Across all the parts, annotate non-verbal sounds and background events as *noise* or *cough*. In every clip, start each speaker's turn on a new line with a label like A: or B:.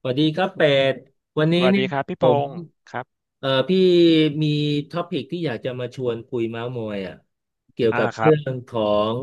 A: สวัสดีครับเป็ดวัน
B: ส
A: นี้
B: วัส
A: เนี่ย
B: ดีครับพี่
A: ผ
B: พ
A: ม
B: งศ์ครับ
A: พี่มีท็อปิกที่อยากจะมาชวนคุยเม้าท์มอยอ่ะเกี่ยว
B: อ่า
A: กับ
B: ครั
A: เรื่
B: บ
A: องของ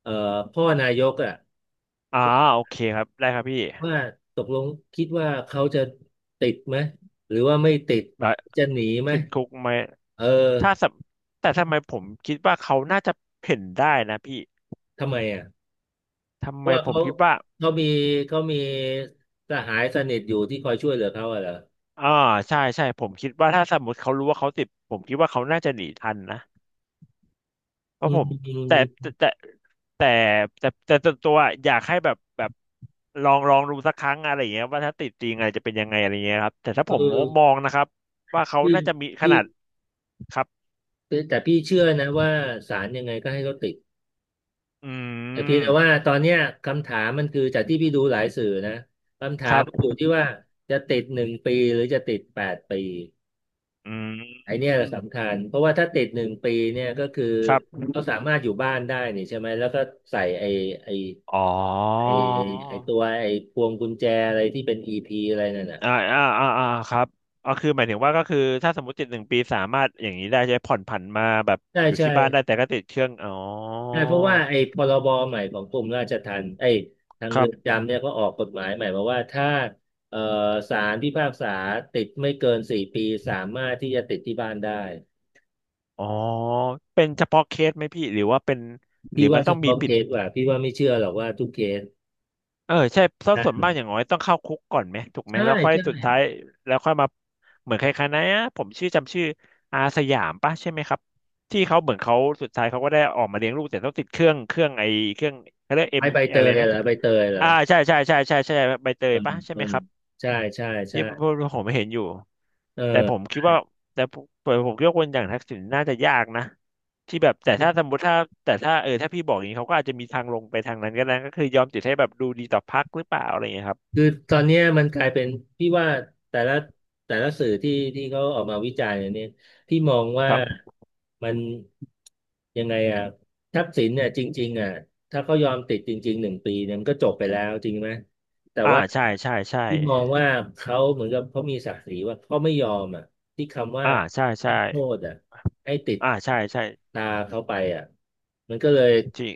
A: เอ่อพ่อนายกอ่ะ
B: อ่าโอเคครับได้ครับพี่
A: ว่าตกลงคิดว่าเขาจะติดไหมหรือว่าไม่ติด
B: แล้
A: จะหนีไหม
B: ติดคุกไหม
A: เออ
B: ถ้าสำแต่ทำไมผมคิดว่าเขาน่าจะเห็นได้นะพี่
A: ทำไมอ่ะ
B: ทำ
A: เพ
B: ไม
A: ราะว่า
B: ผม
A: เขา
B: คิดว่า
A: เขามีเขามีสหายสนิทอยู่ที่คอยช่วยเหลือเขาอ่ะเหรอ
B: อ่าใช่ใช่ผมคิดว่าถ้าสมมติเขารู้ว่าเขาติดผมคิดว่าเขาน่าจะหนีทันนะเพ
A: อื
B: ราะผมแต่
A: ม
B: แต่แต่แต่แต่ส่วนตัวอยากให้แบบลองดูสักครั้งอะไรอย่างเงี้ยว่าถ้าติดจริงอะไรจะเป็นยังไงอะไรเงี้ยครับแต่ถ้า
A: เอ
B: ผม
A: อ
B: มองนะครับว่าเขา
A: พี่
B: น่าจะมีข
A: พี่
B: นาดครับ
A: คือแต่พี่เชื่อนะว่าศาลยังไงก็ให้ราติด
B: อื
A: แต่เพียงแต่ว่า
B: ม
A: ตอนเนี้ยคำถามมันคือจากที่พี่ดูหลายสื่อนะคำถา
B: ค
A: ม
B: รั
A: มันอยู่
B: บ
A: ที่ว่าจะติดหนึ่งปีหรือจะติด8 ปี
B: อืม
A: ไอ้เนี่ยแหละสำคัญเพราะว่าถ้าติดหนึ่งปีเนี่ยก็คือ
B: ครับ
A: เขาสามารถอยู่บ้านได้นี่ใช่ไหมแล้วก็ใส่ไอ้
B: อ๋อ
A: ไอ้ไอ้ตัวไอ้พวงกุญแจอะไรที่เป็นอีพีอะไรนั่นน่ะ
B: อ่าครับก็คือหมายถึงว่าก็คือถ้าสมมติติดหนึ่งปีสามารถอย่างนี้ได้ใช้ผ่อนผันมาแบบ
A: ใช่
B: อยู่
A: ใช่
B: ที่บ้านได้แต่ก็ติดเครื่องอ๋อ
A: ใช่เพราะว่าไอ้พรบใหม่ของกรมราชทัณฑ์ไอ้ทาง
B: ครั
A: เรือน
B: บ
A: จำเนี่ยก็ออกกฎหมายใหม่มาว่าถ้าเอ่อศาลพิพากษาติดไม่เกิน4 ปีสามารถที่จะติดที่บ้านได้
B: อ๋อเป็นเฉพาะเคสไหมพี่หรือว่าเป็นหรื
A: พี่
B: อมั
A: ว่า
B: น
A: เฉ
B: ต้องมี
A: พาะ
B: ปิ
A: เค
B: ด
A: สว่ะพี่ว่าไม่เชื่อหรอกว่าทุกเคส
B: เออใช่เพราะส่วน
A: นะ
B: มากอย่างน้อยต้องเข้าคุกก่อนไหมถูกไหม
A: ใช่
B: แล้วค่อย
A: ใช่
B: สุดท้ายแล้วค่อยมาเหมือนใครๆนะผมชื่อจำชื่ออาสยามปะใช่ไหมครับที่เขาเหมือนเขาสุดท้ายเขาก็ได้ออกมาเลี้ยงลูกแต่ต้องติดเครื่องไอเครื่องเขาเรียกเอ็
A: ไอ้
B: ม
A: ใบเต
B: อะไร
A: ย
B: นะ
A: เหรอใบเตยเหรอ
B: อ่าใช่ใบเต
A: เอ
B: ย
A: อ
B: ปะใช่
A: เอ
B: ไห
A: อ
B: มครับ
A: ใช่ใช่
B: ที่
A: ใช่
B: พวกผมเห็นอยู่
A: เอ
B: แต่ผม
A: อ
B: คิดว่าแต่ผมผมคิดว่าคนอย่างทักษิณน่าจะยากนะที่แบบแต่ถ้าสมมติถ้าแต่ถ้าถ้าพี่บอกอย่างนี้เขาก็อาจจะมีทางลงไปทางนั้นก็ได้ก็คือยอมติดให้แบบดูดีต่อพรรคหรือเปล่าอะไรอย่างเงี้ยครับ
A: คือตอนเนี้ยมันกลายเป็นพี่ว่าแต่ละแต่ละสื่อที่เขาออกมาวิจารณ์เนี่ยพี่มองว่า
B: ครับ
A: มันยังไงอ่ะทักษิณเนี่ยจริงๆอ่ะถ้าเขายอมติดจริงๆหนึ่งปีเนี่ยมันก็จบไปแล้วจริงไหมแต่
B: อ่า
A: ว่า
B: ใช่
A: พี่มองว่าเขาเหมือนกับเขามีศักดิ์ศรีว่าเขาไม่ยอมอ่ะที่คำว่า
B: อ่าใช่
A: นั
B: ใช่
A: กโทษอ่ะให้ติด
B: อ่าใช่
A: ตาเขาไปอ่ะมันก็เลย
B: จริง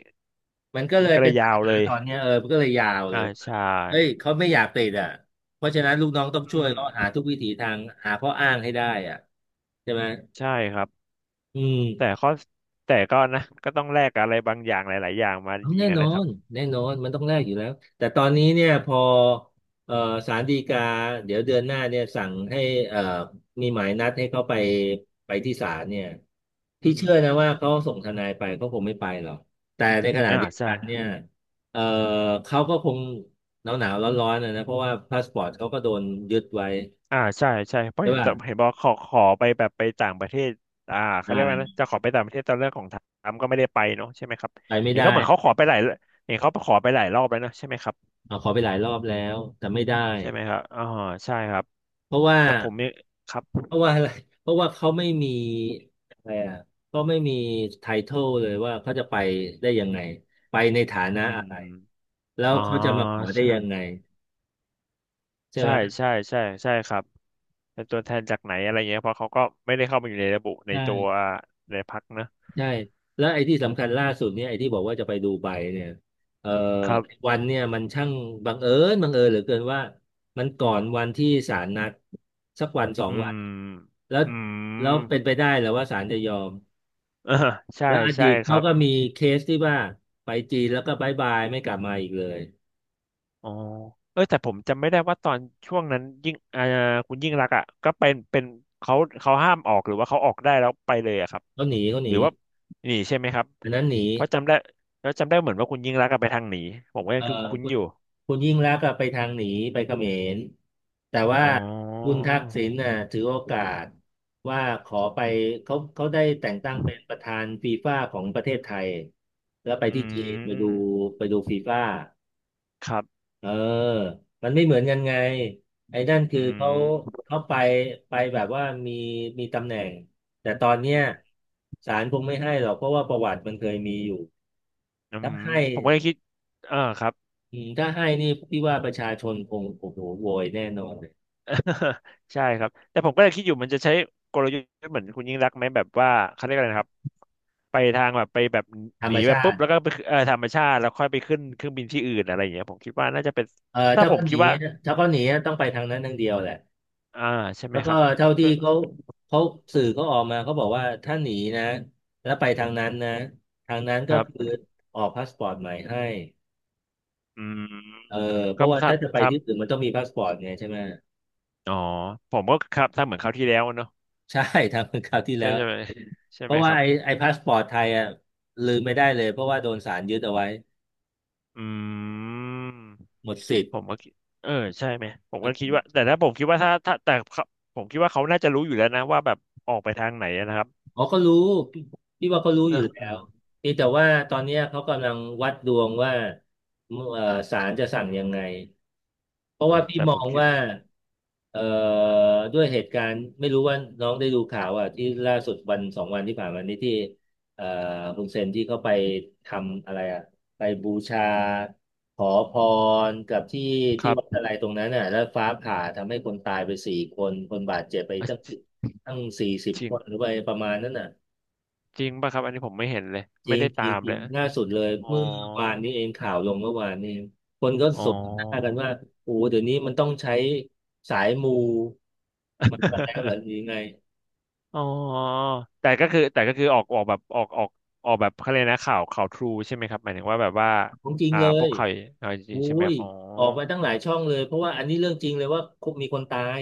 A: มันก็เล
B: มัน
A: ย
B: ก็เล
A: เป็
B: ย
A: นปั
B: ยา
A: ญ
B: ว
A: หา
B: เลย
A: ตอนเนี้ยเออมันก็เลยยาวเล
B: อ่า
A: ย
B: ใช่
A: เฮ้ยเขาไม่อยากติดอ่ะ เพราะฉะนั้นลูกน้องต้องช่ว
B: อื
A: ย
B: ม
A: เขาหาทุกวิถีทางหาข้ออ้างให้ได้อ่ะใช่ไหม
B: ใช่ครับ
A: อื
B: แต่
A: ม
B: ข้อแต่ก็นะก็ต้องแลกกับอะไรบางอย่างหลายๆอย่างมาจ
A: เอาแน่
B: ริงๆอะ
A: นอ
B: นะครับ
A: นแน่นอนมันต้องแลกอยู่แล้วแต่ตอนนี้เนี่ยพอเอ่อศาลฎีกาเดี๋ยวเดือนหน้าเนี่ยสั่งให้เอ่อมีหมายนัดให้เขาไปไปที่ศาลเนี่ย
B: อื
A: พี่เชื่อ
B: ม
A: นะว่าเขาส่งทนายไปเขาคงไม่ไปหรอกแต่ในขณะ
B: อ่า
A: เดียว
B: ใช่
A: กันเนี่ยเอ่อเขาก็คงหนาวหนาวร้อนร้อนนะเพราะว่าพาสปอร์ตเขาก็โดนยึดไว้
B: อ่าใช่เพราะ
A: ใช่
B: เห็น
A: ป่ะ
B: เห็นบอกขอขอไปแบบไปต่างประเทศอ่าเขาเรี
A: ได้
B: ยกว่านะจะขอไปต่างประเทศตอนเรื่องของทรัมป์ก็ไม่ได้ไปเนาะใช่ไหมครับ
A: ไปไม่
B: เห็น
A: ได้
B: เขาเหมือนเขาขอไปหลายเห็นเขาขอไปหลายรอบแล้วนะใช่ไหมครับ
A: เอาขอไปหลายรอบแล้วแต่ไม่ได้
B: ใช่ไหมครับอ๋อใช่ครับ
A: เพราะว่า
B: แต่ผมเนี่ยครับ
A: เพราะว่าอะไรเพราะว่าเขาไม่มีอะไรอ่ะเขาไม่มีไททอลเลยว่าเขาจะไปได้ยังไง ไปในฐานะ
B: อื
A: อะ
B: ม
A: ไรแล้ว
B: อ๋อ
A: เขาจะมาขอได้
B: ใช่
A: ยังไงใช่
B: ใช่
A: ไหม
B: ใช่ครับเป็นตัวแทนจากไหนอะไรเงี้ยเพราะเขาก็ไม่ได้เข้ามาอยู่ในระบุใน
A: ใช่
B: ตัวในพรรคนะ
A: ใช่แล้วไอ้ที่สำคัญล่าสุดเนี่ยไอ้ที่บอกว่าจะไปดูไบเนี่ยเอ่อ
B: ครับ
A: วันเนี่ยมันช่างบังเอิญเหลือเกินว่ามันก่อนวันที่ศาลนัดสักวันสอ
B: อื
A: งวั
B: ม
A: น แล้ว
B: อืม
A: แล้วเป็นไปได้เหรือว่าศาลจะยอม
B: *laughs* อ่าใช่
A: แล้วอดี
B: ใช่
A: ต
B: ค
A: เขา
B: รับ
A: ก็มีเคสที่ว่าไปจีนแล้วก็บายบายไม่กลับมาอีกเลย
B: อ๋อเออแต่ผมจำไม่ได้ว่าตอนช่วงนั้นยิ่งอ่าคุณยิ่งรักษณ์อ่ะก็เป็นเขาเขาห้ามออกหรือว่าเขาออกได้แล้วไปเลยอะครับ
A: เขาหนีเขาห
B: หรื
A: นี
B: อว่าหนีใช่ไหมครับ
A: อันนั้นหนี
B: เพราะจำได้แล้วจำได้เหมือนว่าคุณยิ่งรักษณ์อะไปทางหนีผมก็ยั
A: เอ่
B: ง
A: อ
B: คุ้น
A: คุ
B: ๆ
A: ณ
B: อยู่
A: คุณยิ่งลักษณ์ก็ไปทางหนีไปเขมรแต่ว่า
B: อ๋อ
A: คุณทักษิณน่ะถือโอกาสว่าขอไปเขาได้แต่งตั้งเป็นประธานฟีฟ่าของประเทศไทยแล้วไป
B: อื
A: ที่จีน
B: ม
A: ไปดูฟีฟ่า
B: ครับ
A: เออ มันไม่เหมือนกันไงไอ้นั่น
B: อื
A: คือเขา
B: ม
A: เขาไปไปแบบว่ามี มีตำแหน่ง แต่ตอนเนี้ย
B: อืม
A: ศาลคงไม่ให้หรอกเพราะว่าประวัติมันเคยมีอยู่
B: อื
A: ถ้า
B: ม
A: ให้
B: ผมก็ยังคิดเออครับ
A: อืมถ้าให้นี่พี่ว่าประชาชนคงโอ้โหโวยแน่นอนเลย
B: *laughs* ใช่ครับแต่ผมก็เลยคิดอยู่มันจะใช้กลยุทธ์เหมือนคุณยิ่งรักษณ์ไหมแบบว่าเขาเรียกอะไรนะครับไปทางแบบไปแบบ
A: ธร
B: ห
A: ร
B: นี
A: ม
B: แบบ
A: ชา
B: ปุ๊บ
A: ติ
B: แล้วก็ไปธรรมชาติแล้วค่อยไปขึ้นเครื่องบินที่อื่นอะไรอย่างเงี้ยผมคิดว่าน่าจะเป็น
A: เออ
B: ถ้าผมคิดว่า
A: ถ้าเขาหนีต้องไปทางนั้นทางเดียวแหละ
B: อ่าใช่ไห
A: แล้
B: ม
A: ว
B: ค
A: ก็
B: รับ
A: เท่าที่
B: เพื่อ
A: เขาเขาสื่อเขาออกมาเขาบอกว่าถ้าหนีนะแล้วไปทางนั้นนะทางนั้น
B: ค
A: ก็
B: รั
A: คือ
B: บ
A: ออกพาสปอร์ตใหม่ให้
B: อื
A: เออ
B: ม
A: เพ
B: ก็
A: ราะว่าถ้าจะไป
B: ทำท
A: ที่อื่นมันต้องมีพาสปอร์ตไงใช่ไหม
B: ำอ๋อผมก็ครับทำเหมือนคราวที่แล้วเนอะ
A: ใช่ *laughs* ทำเหมือนคราวที่
B: ใช่
A: แล้ว
B: ใช่ไหมใช่
A: เพ
B: ไหม
A: ราะ
B: ค
A: ว่า
B: รับ
A: ไอ้พาสปอร์ตไทยอ่ะลืมไม่ได้เลยเพราะว่าโดนศาลยึดเอาไว้
B: อืม
A: หมดสิทธิ์
B: ผมก็คิดเออใช่ไหมผมก็คิดว่าแต่ถ้าผมคิดว่าถ้าแต่เขาผมคิดว่าเขาน่าจะรู้อยู่แล้วนะว่าแบบออกไปทางไหนนะครับ
A: เขาก็รู้พี่พี่ว่าเขารู้
B: เน
A: อ
B: อะ
A: ยู่แล้
B: อ่า
A: วเพียงแต่ว่าตอนเนี้ยเขากำลังวัดดวงว่าเอ่อศาลจะสั่งยังไง เพราะ
B: โอ้
A: ว่าพี่
B: แต่
A: ม
B: ผ
A: อ
B: ม
A: ง
B: คิด
A: ว่าเอ่อด้วยเหตุการณ์ไม่รู้ว่าน้องได้ดูข่าวอ่ะที่ล่าสุดวันสองวันที่ผ่านมานี้ที่เอ่อฮุนเซนที่เขาไปทำอะไรอ่ะไปบูชาขอพรกับที่
B: ค
A: ที่
B: รับ
A: วัดอะไรตรงนั้นอ่ะแล้วฟ้าผ่าทำให้คนตายไป4 คนคนบาดเจ็บไป
B: อ่ะ
A: ตั้ง
B: จ
A: ตั้งสี่สิบ
B: จริ
A: ค
B: ง
A: นหรือไปประมาณนั้นอ่ะ
B: จริงป่ะครับอันนี้ผมไม่เห็นเลย
A: จ
B: ไม่
A: ริง
B: ได้
A: จ
B: ตา
A: ริง
B: ม
A: จ
B: เล
A: ริง
B: ย
A: ล่าสุดเลย
B: อ๋อ
A: เมื่อวานนี้เองข่าวลงเมื่อวานนี้เองคนก็
B: อ๋อ
A: สบหน้ากันว่าโอ้เดี๋ยวนี้มันต้องใช้สายมูมันกันแล้วเหรือหรือยัง
B: *laughs*
A: ไง
B: อ๋อแต่ก็คือแต่ก็คือออกออกแบบออกออกออกแบบเขาเลยกนะข่าวข่าวทรูใช่ไหมครับหมายถึงว่าแบบว่า
A: ของจริง
B: อ่า
A: เล
B: พว
A: ย
B: กข่าวข่าวจริ
A: โอ้
B: งๆใช่ไหมค
A: ย
B: รับอ๋อ
A: ออกมาตั้งหลายช่องเลยเพราะว่าอันนี้เรื่องจริงเลยว่ามีคนตาย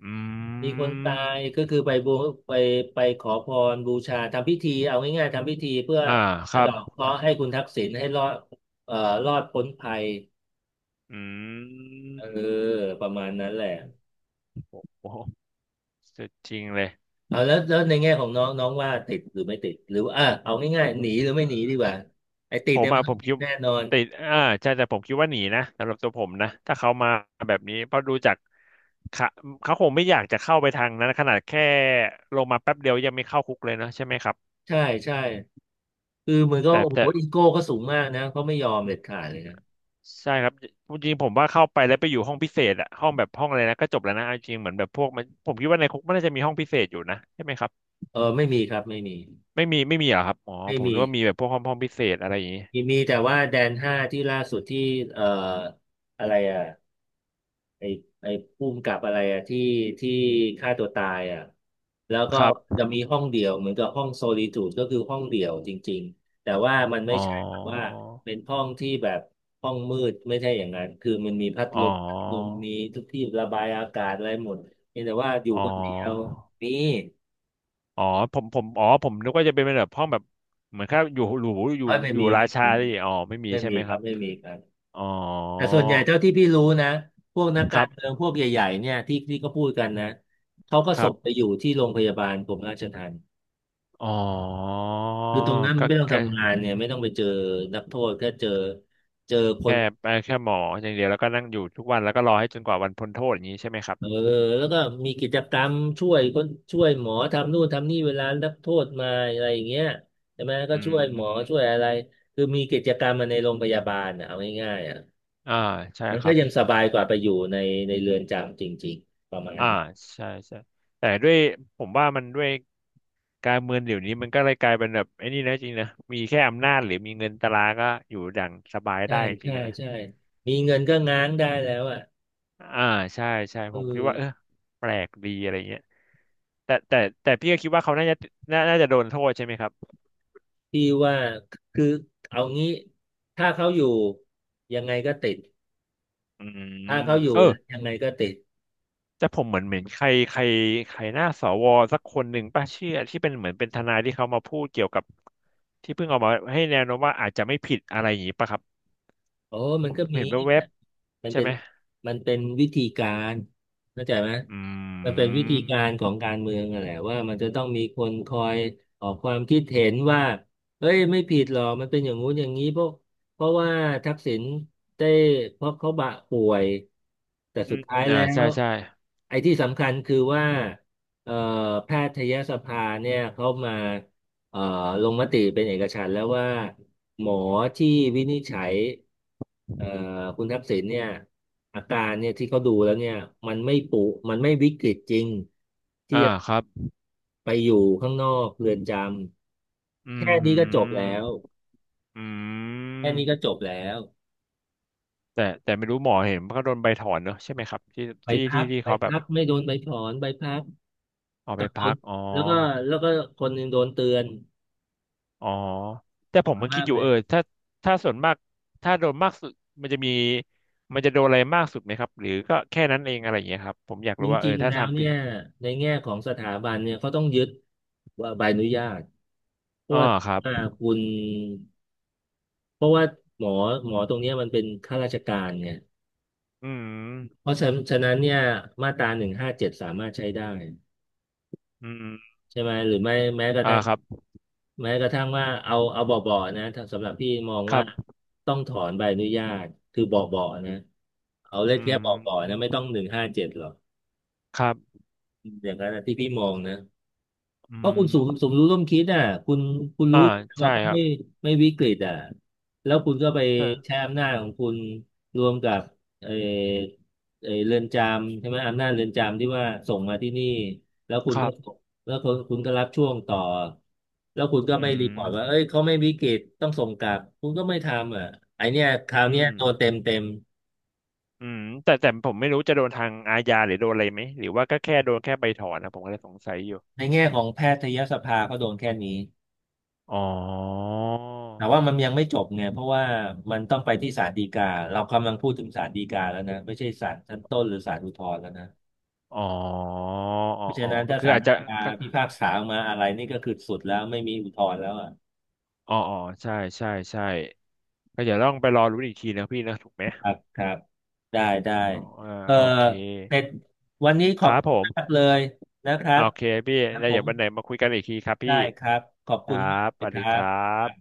B: อื
A: มีคนตายก็
B: ม
A: คือไปไปขอพรบูชาทำพิธีเอาง่ายๆทำพิธีเพื่อ
B: อ่าค
A: สะ
B: รับ
A: เดาะเคราะห์ให้คุณทักษิณให้รอดเอ่อรอดพ้นภัย
B: อื
A: เออ
B: ม
A: ประมาณนั้นแหละ
B: โอ้โหสุดจริงเลย
A: เอาแล้วแล้วในแง่ของน้องน้องว่าติดหรือไม่ติดหรือว่าอ่ะเอาง่ายๆหนีหรือ
B: เอ
A: ไม่หนีดี
B: อ
A: กว่าไอ้ติ
B: ผ
A: ด
B: ม
A: เนี่ยมั
B: อ่ะ
A: นต้
B: ผ
A: อง
B: ม
A: ติ
B: คิ
A: ด
B: ด
A: แน่นอน
B: ติดอ่าใช่แต่ผมคิดว่าหนีนะสำหรับตัวผมนะ ถ้าเขามาแบบนี้ เพราะดูจากเขาเขาคงไม่อยากจะเข้าไปทางนั้นขนาดแค่ลงมาแป๊บเดียวยังไม่เข้าคุกเลยนะใช่ไหมครับ
A: ใช่ใช่คือเหมือนก็
B: แต่
A: โอ้โห
B: แต่
A: อีโก้ก็สูงมากนะเขาไม่ยอมเด็ดขาดเลยนะ
B: ใช่ครับจริงๆผมว่าเข้าไปแล้วไปอยู่ห้องพิเศษอะห้องแบบห้องอะไรนะก็จบแล้วนะเอาจริงเหมือนแบบพวกมันผมคิดว่าในคุกมันน่าจะมีห้องพิเศษอยู่นะใช่ไหมครับ
A: เออไม่มีครับไม่มี
B: ไม่มีเหรอครับอ๋อ
A: ไม่
B: ผม
A: มี
B: นึกว่ามีแบบพวกห้องพิเศษอะไรอย่างนี้
A: มีมีแต่ว่าแดนห้าที่ล่าสุดที่เอ่ออะไรอ่ะ ไอ้ไอ้ภูมิกับอะไรอะที่ฆ่าตัวตายอะแล้วก็
B: ครับ
A: จะมีห้องเดี่ยวเหมือนกับห้องโซลิจูดก็คือห้องเดี่ยวจริงๆแต่ว่ามันไม่
B: อ๋อ
A: ใช่แบบว่าเป็นห้องที่แบบห้องมืดไม่ใช่อย่างนั้นคือมันมีพัด
B: อ๋อ
A: ลมพัดลมมีทุกที่ระบายอากาศอะไรหมดเพียงแต่ว่าอยู่
B: อ๋อ
A: คนเดียวนี่
B: อ๋อผมอ๋อผมนึกว่าจะเป็นแบบห้องแบบเหมือนแค่อยู่หรูอยู่
A: เฮ้ยไม่
B: อยู่
A: มี
B: รา
A: ไม่
B: ชา
A: มี
B: ดิอ๋อไม่มี
A: ไม่
B: ใช่
A: มี
B: ไหม
A: ค
B: ค
A: รั
B: รั
A: บ
B: บ
A: ไม่มีครับ
B: อ๋อ
A: แต่ส่วนใหญ่เท่าที่พี่รู้นะพวกนัก
B: ค
A: กา
B: รั
A: ร
B: บ
A: เมืองพวกใหญ่ๆเนี่ยที่ก็พูดกันนะเขาก็
B: ค
A: ส่
B: รับ
A: งไปอยู่ที่โรงพยาบาลกรมราชทัณฑ์
B: อ๋อ
A: คือตรงนั้นมั
B: ก็
A: นไม่ต้อง
B: แค่
A: ทำงานเนี่ยไม่ต้องไปเจอนักโทษแค่เจอคน
B: แค่แค่หมออย่างเดียวแล้วก็นั่งอยู่ทุกวันแล้วก็รอให้จนกว่าวันพ้นโทษอย่างนี้ใช่ไหมครั
A: เออ
B: บ
A: แล้วก็มีกิจกรรมช่วยคนช่วยหมอทำนู่นทำนี่เวลานักโทษมาอะไรอย่างเงี้ยใช่ไหมก็
B: อื
A: ช่วยหมอช่วย
B: ม
A: อะไรคือมีกิจกรรมมาในโรงพยาบาลนะเอาง่ายๆอ่ะ
B: อ่าใช่
A: มัน
B: ค
A: ก็
B: รับ
A: ยังสบายกว่าไปอยู่ในเรือนจำจริงๆประมาณนั้
B: อ่า
A: น
B: ใช่ใช่แต่ด้วยผมว่ามันด้วย การเมืองเดี๋ยวนี้มันก็เลยกลายเป็นแบบไอ้นี่นะจริงนะมีแค่อำนาจหรือมีเงินตราก็อยู่อย่างสบาย
A: ใช่
B: ได้จริ
A: ใช่
B: งๆอะนะ
A: ใช่ มีเงินก็ง้างได้แล้วอ่ะ
B: อ่าใช่ใช่
A: เอ
B: ผมคิดว่าเออ
A: อ
B: แปลกดีอะไรเงี้ยแต่แต่พี่ก็คิดว่าเขาน่าจะน่าจะโดนโทษใช่ไหมครับ
A: พี่ว่าคือเอางี้ถ้าเขาอยู่ยังไงก็ติด
B: อื
A: ถ้า
B: ม
A: เขาอยู่
B: เออ
A: นะยังไงก็ติด
B: แต่ผมเหมือนเหมือนใครใครใครหน้าสวสักคนหนึ่งป่ะเชื่อที่เป็นเหมือนเป็นทนายที่เขามาพูดเกี่ยวกับที่เพิ่งออกมาให้แนวโน้มว่าอาจจะไม่ผิดอะไรอย่างนี้ป่ะครับ
A: โอ้มั
B: ผ
A: น
B: ม
A: ก็มี
B: เห็นแวบ
A: นะมั
B: ๆ
A: น
B: ใช่
A: เป็น
B: ไหม
A: มันเป็นวิธีการเข้าใจไหม
B: อื
A: มันเป็นวิธีการขอ
B: ม
A: งการเมืองอะแหละว่ามันจะต้องมีคนคอยออกความคิดเห็นว่าเอ้ยไม่ผิดหรอกมันเป็นอย่างงู้นอย่างนี้เพราะว่าทักษิณได้เพราะเขาบะป่วยแต่
B: อื
A: สุด
B: ม
A: ท้าย
B: อ่า
A: แล้
B: ใช่
A: ว
B: ใช่
A: ไอ้ที่สำคัญคือว่าเอ่อแพทยสภาเนี่ยเขามาเอ่อลงมติเป็นเอกฉันท์แล้วว่าหมอที่วินิจฉัย เอ่อคุณทักษิณเนี่ยอาการเนี่ยที่เขาดูแล้วเนี่ยมันไม่ปุมันไม่วิกฤตจริงที่
B: อ่า
A: จะ
B: ครับ
A: ไปอยู่ข้างนอกเรือนจ
B: อื
A: ำแค่
B: มหื
A: นี้ก็จบ
B: ม
A: แล้ว
B: อื
A: แค่นี้ก็
B: ม
A: จบแล้ว
B: แต่ไม่รู้หมอเห็นเขาโดนใบถอนเนอะใช่ไหมครับที่
A: ไป
B: ที่
A: พั
B: ที่
A: ก
B: ที่
A: ไป
B: เขาแบบ
A: พักไม่โดนใบถอนใบพัก
B: เอา
A: ก
B: ไป
A: ลับโด
B: พั
A: น
B: กอ๋อ
A: แล้วก็แล้วก็คนหนึ่งโดนเตือน
B: อ๋อแต่
A: อ
B: ผ
A: อก
B: มมัน
A: มา
B: คิด
A: ก
B: อยู่
A: เล
B: เอ
A: ย
B: อถ้าถ้าส่วนมากถ้าโดนมากสุดมันจะมีมันจะโดนอะไรมากสุดไหมครับหรือก็แค่นั้นเองอะไรอย่างเงี้ยครับผมอยาก
A: จ
B: รู้ว่าเออ
A: ริงๆ
B: ถ้า
A: แล้ว
B: ทำ
A: เนี่
B: ผิด
A: ยในแง่ของสถาบันเนี่ยเขาต้องยึดว่าใบอนุญาตเพราะ
B: อ๋อ
A: ว่า
B: ครับ
A: อ่าคุณ เพราะว่าหมอหมอตรงเนี้ยมันเป็นข้าราชการเนี่ย
B: อืม
A: เพราะฉะนั้นเนี่ยมาตรา 157สามารถใช้ได้
B: อืม
A: ใช่ไหมหรือไม่แม้กระ
B: อ่า
A: ทั่ง
B: ครับ
A: แม้กระทั่งว่าเอาเบาๆนะถ้าสำหรับพี่มอง
B: ครั
A: ว่า
B: บ
A: ต้องถอนใบอนุญาตคือเบาๆนะเอาเล่น
B: อื
A: แค่
B: ม
A: เบาๆนะไม่ต้องหนึ่งห้าเจ็ดหรอก
B: ครับ
A: อย่างนั้นนะที่พี่มองนะ
B: อื
A: เพราะคุณ
B: ม
A: สูงสมรู้ร่วมคิดอ่ะคุณคุณ
B: อ่า
A: รู้
B: ใช่
A: ว่าเขา
B: ครับ
A: ไม่วิกฤตอ่ะแล้วคุณก็ไป
B: เออ
A: ใช้อำนาจของคุณรวมกับเออเออเรือนจำใช่ไหมอำนาจเรือนจำที่ว่าส่งมาที่นี่แล้วคุณ
B: ครั
A: ก็
B: บ
A: แล้วคุณก็รับช่วงต่อแล้วคุณก็
B: อื
A: ไม่รี
B: ม
A: พอร์ตว่าเอ้ยเขาไม่วิกฤตต้องส่งกลับคุณก็ไม่ทำอ่ะไอเนี้ยคราว
B: อื
A: เนี้ย
B: ม
A: โดนเต็มเต็ม
B: อืมแต่ผมไม่รู้จะโดนทางอาญาหรือโดนอะไรไหมหรือว่าก็แค่โดนแค่ใบถอนนะผมก็เลยสงสัยอยู่
A: ในแง่ของแพทยสภาเขาโดนแค่นี้
B: อ๋อ
A: แต่ว่ามันยังไม่จบเนี่ยเพราะว่ามันต้องไปที่ศาลฎีกาเรากำลังพูดถึงศาลฎีกาแล้วนะไม่ใช่ศาลชั้นต้นหรือศาลอุทธรณ์แล้วนะ
B: อ๋ออ๋อ
A: เพราะฉะ
B: อ๋อ
A: นั้น
B: ก็
A: ถ้า
B: คือ
A: ศาล
B: อาจจะ
A: ฎีกา
B: ก็
A: พิพากษาออกมาอะไรนี่ก็คือสุดแล้วไม่มีอุทธรณ์แล้วอ่ะ
B: อ๋ออ๋อใช่ใช่ใช่ก็เดี๋ยวต้องไปรอรู้นอีกทีนะพี่นะถูกไหม
A: ครับครับได้ได้
B: อ๋ออ่า
A: เออ
B: โอเค
A: เสร็จวันนี้ข
B: ค
A: อบ
B: รับ
A: คุ
B: ผ
A: ณมาก
B: ม
A: เลยนะครั
B: อ่า
A: บ
B: โอเคพี่
A: นะ
B: แล้ว
A: ผ
B: เดี๋ย
A: ม
B: ววันไหนมาคุยกันอีกทีครับพี่
A: ได้ครับขอบ
B: ค
A: คุ
B: รั
A: ณมาก
B: บ
A: เล
B: ส
A: ย
B: วัส
A: ค
B: ดี
A: รั
B: ครั
A: บ
B: บ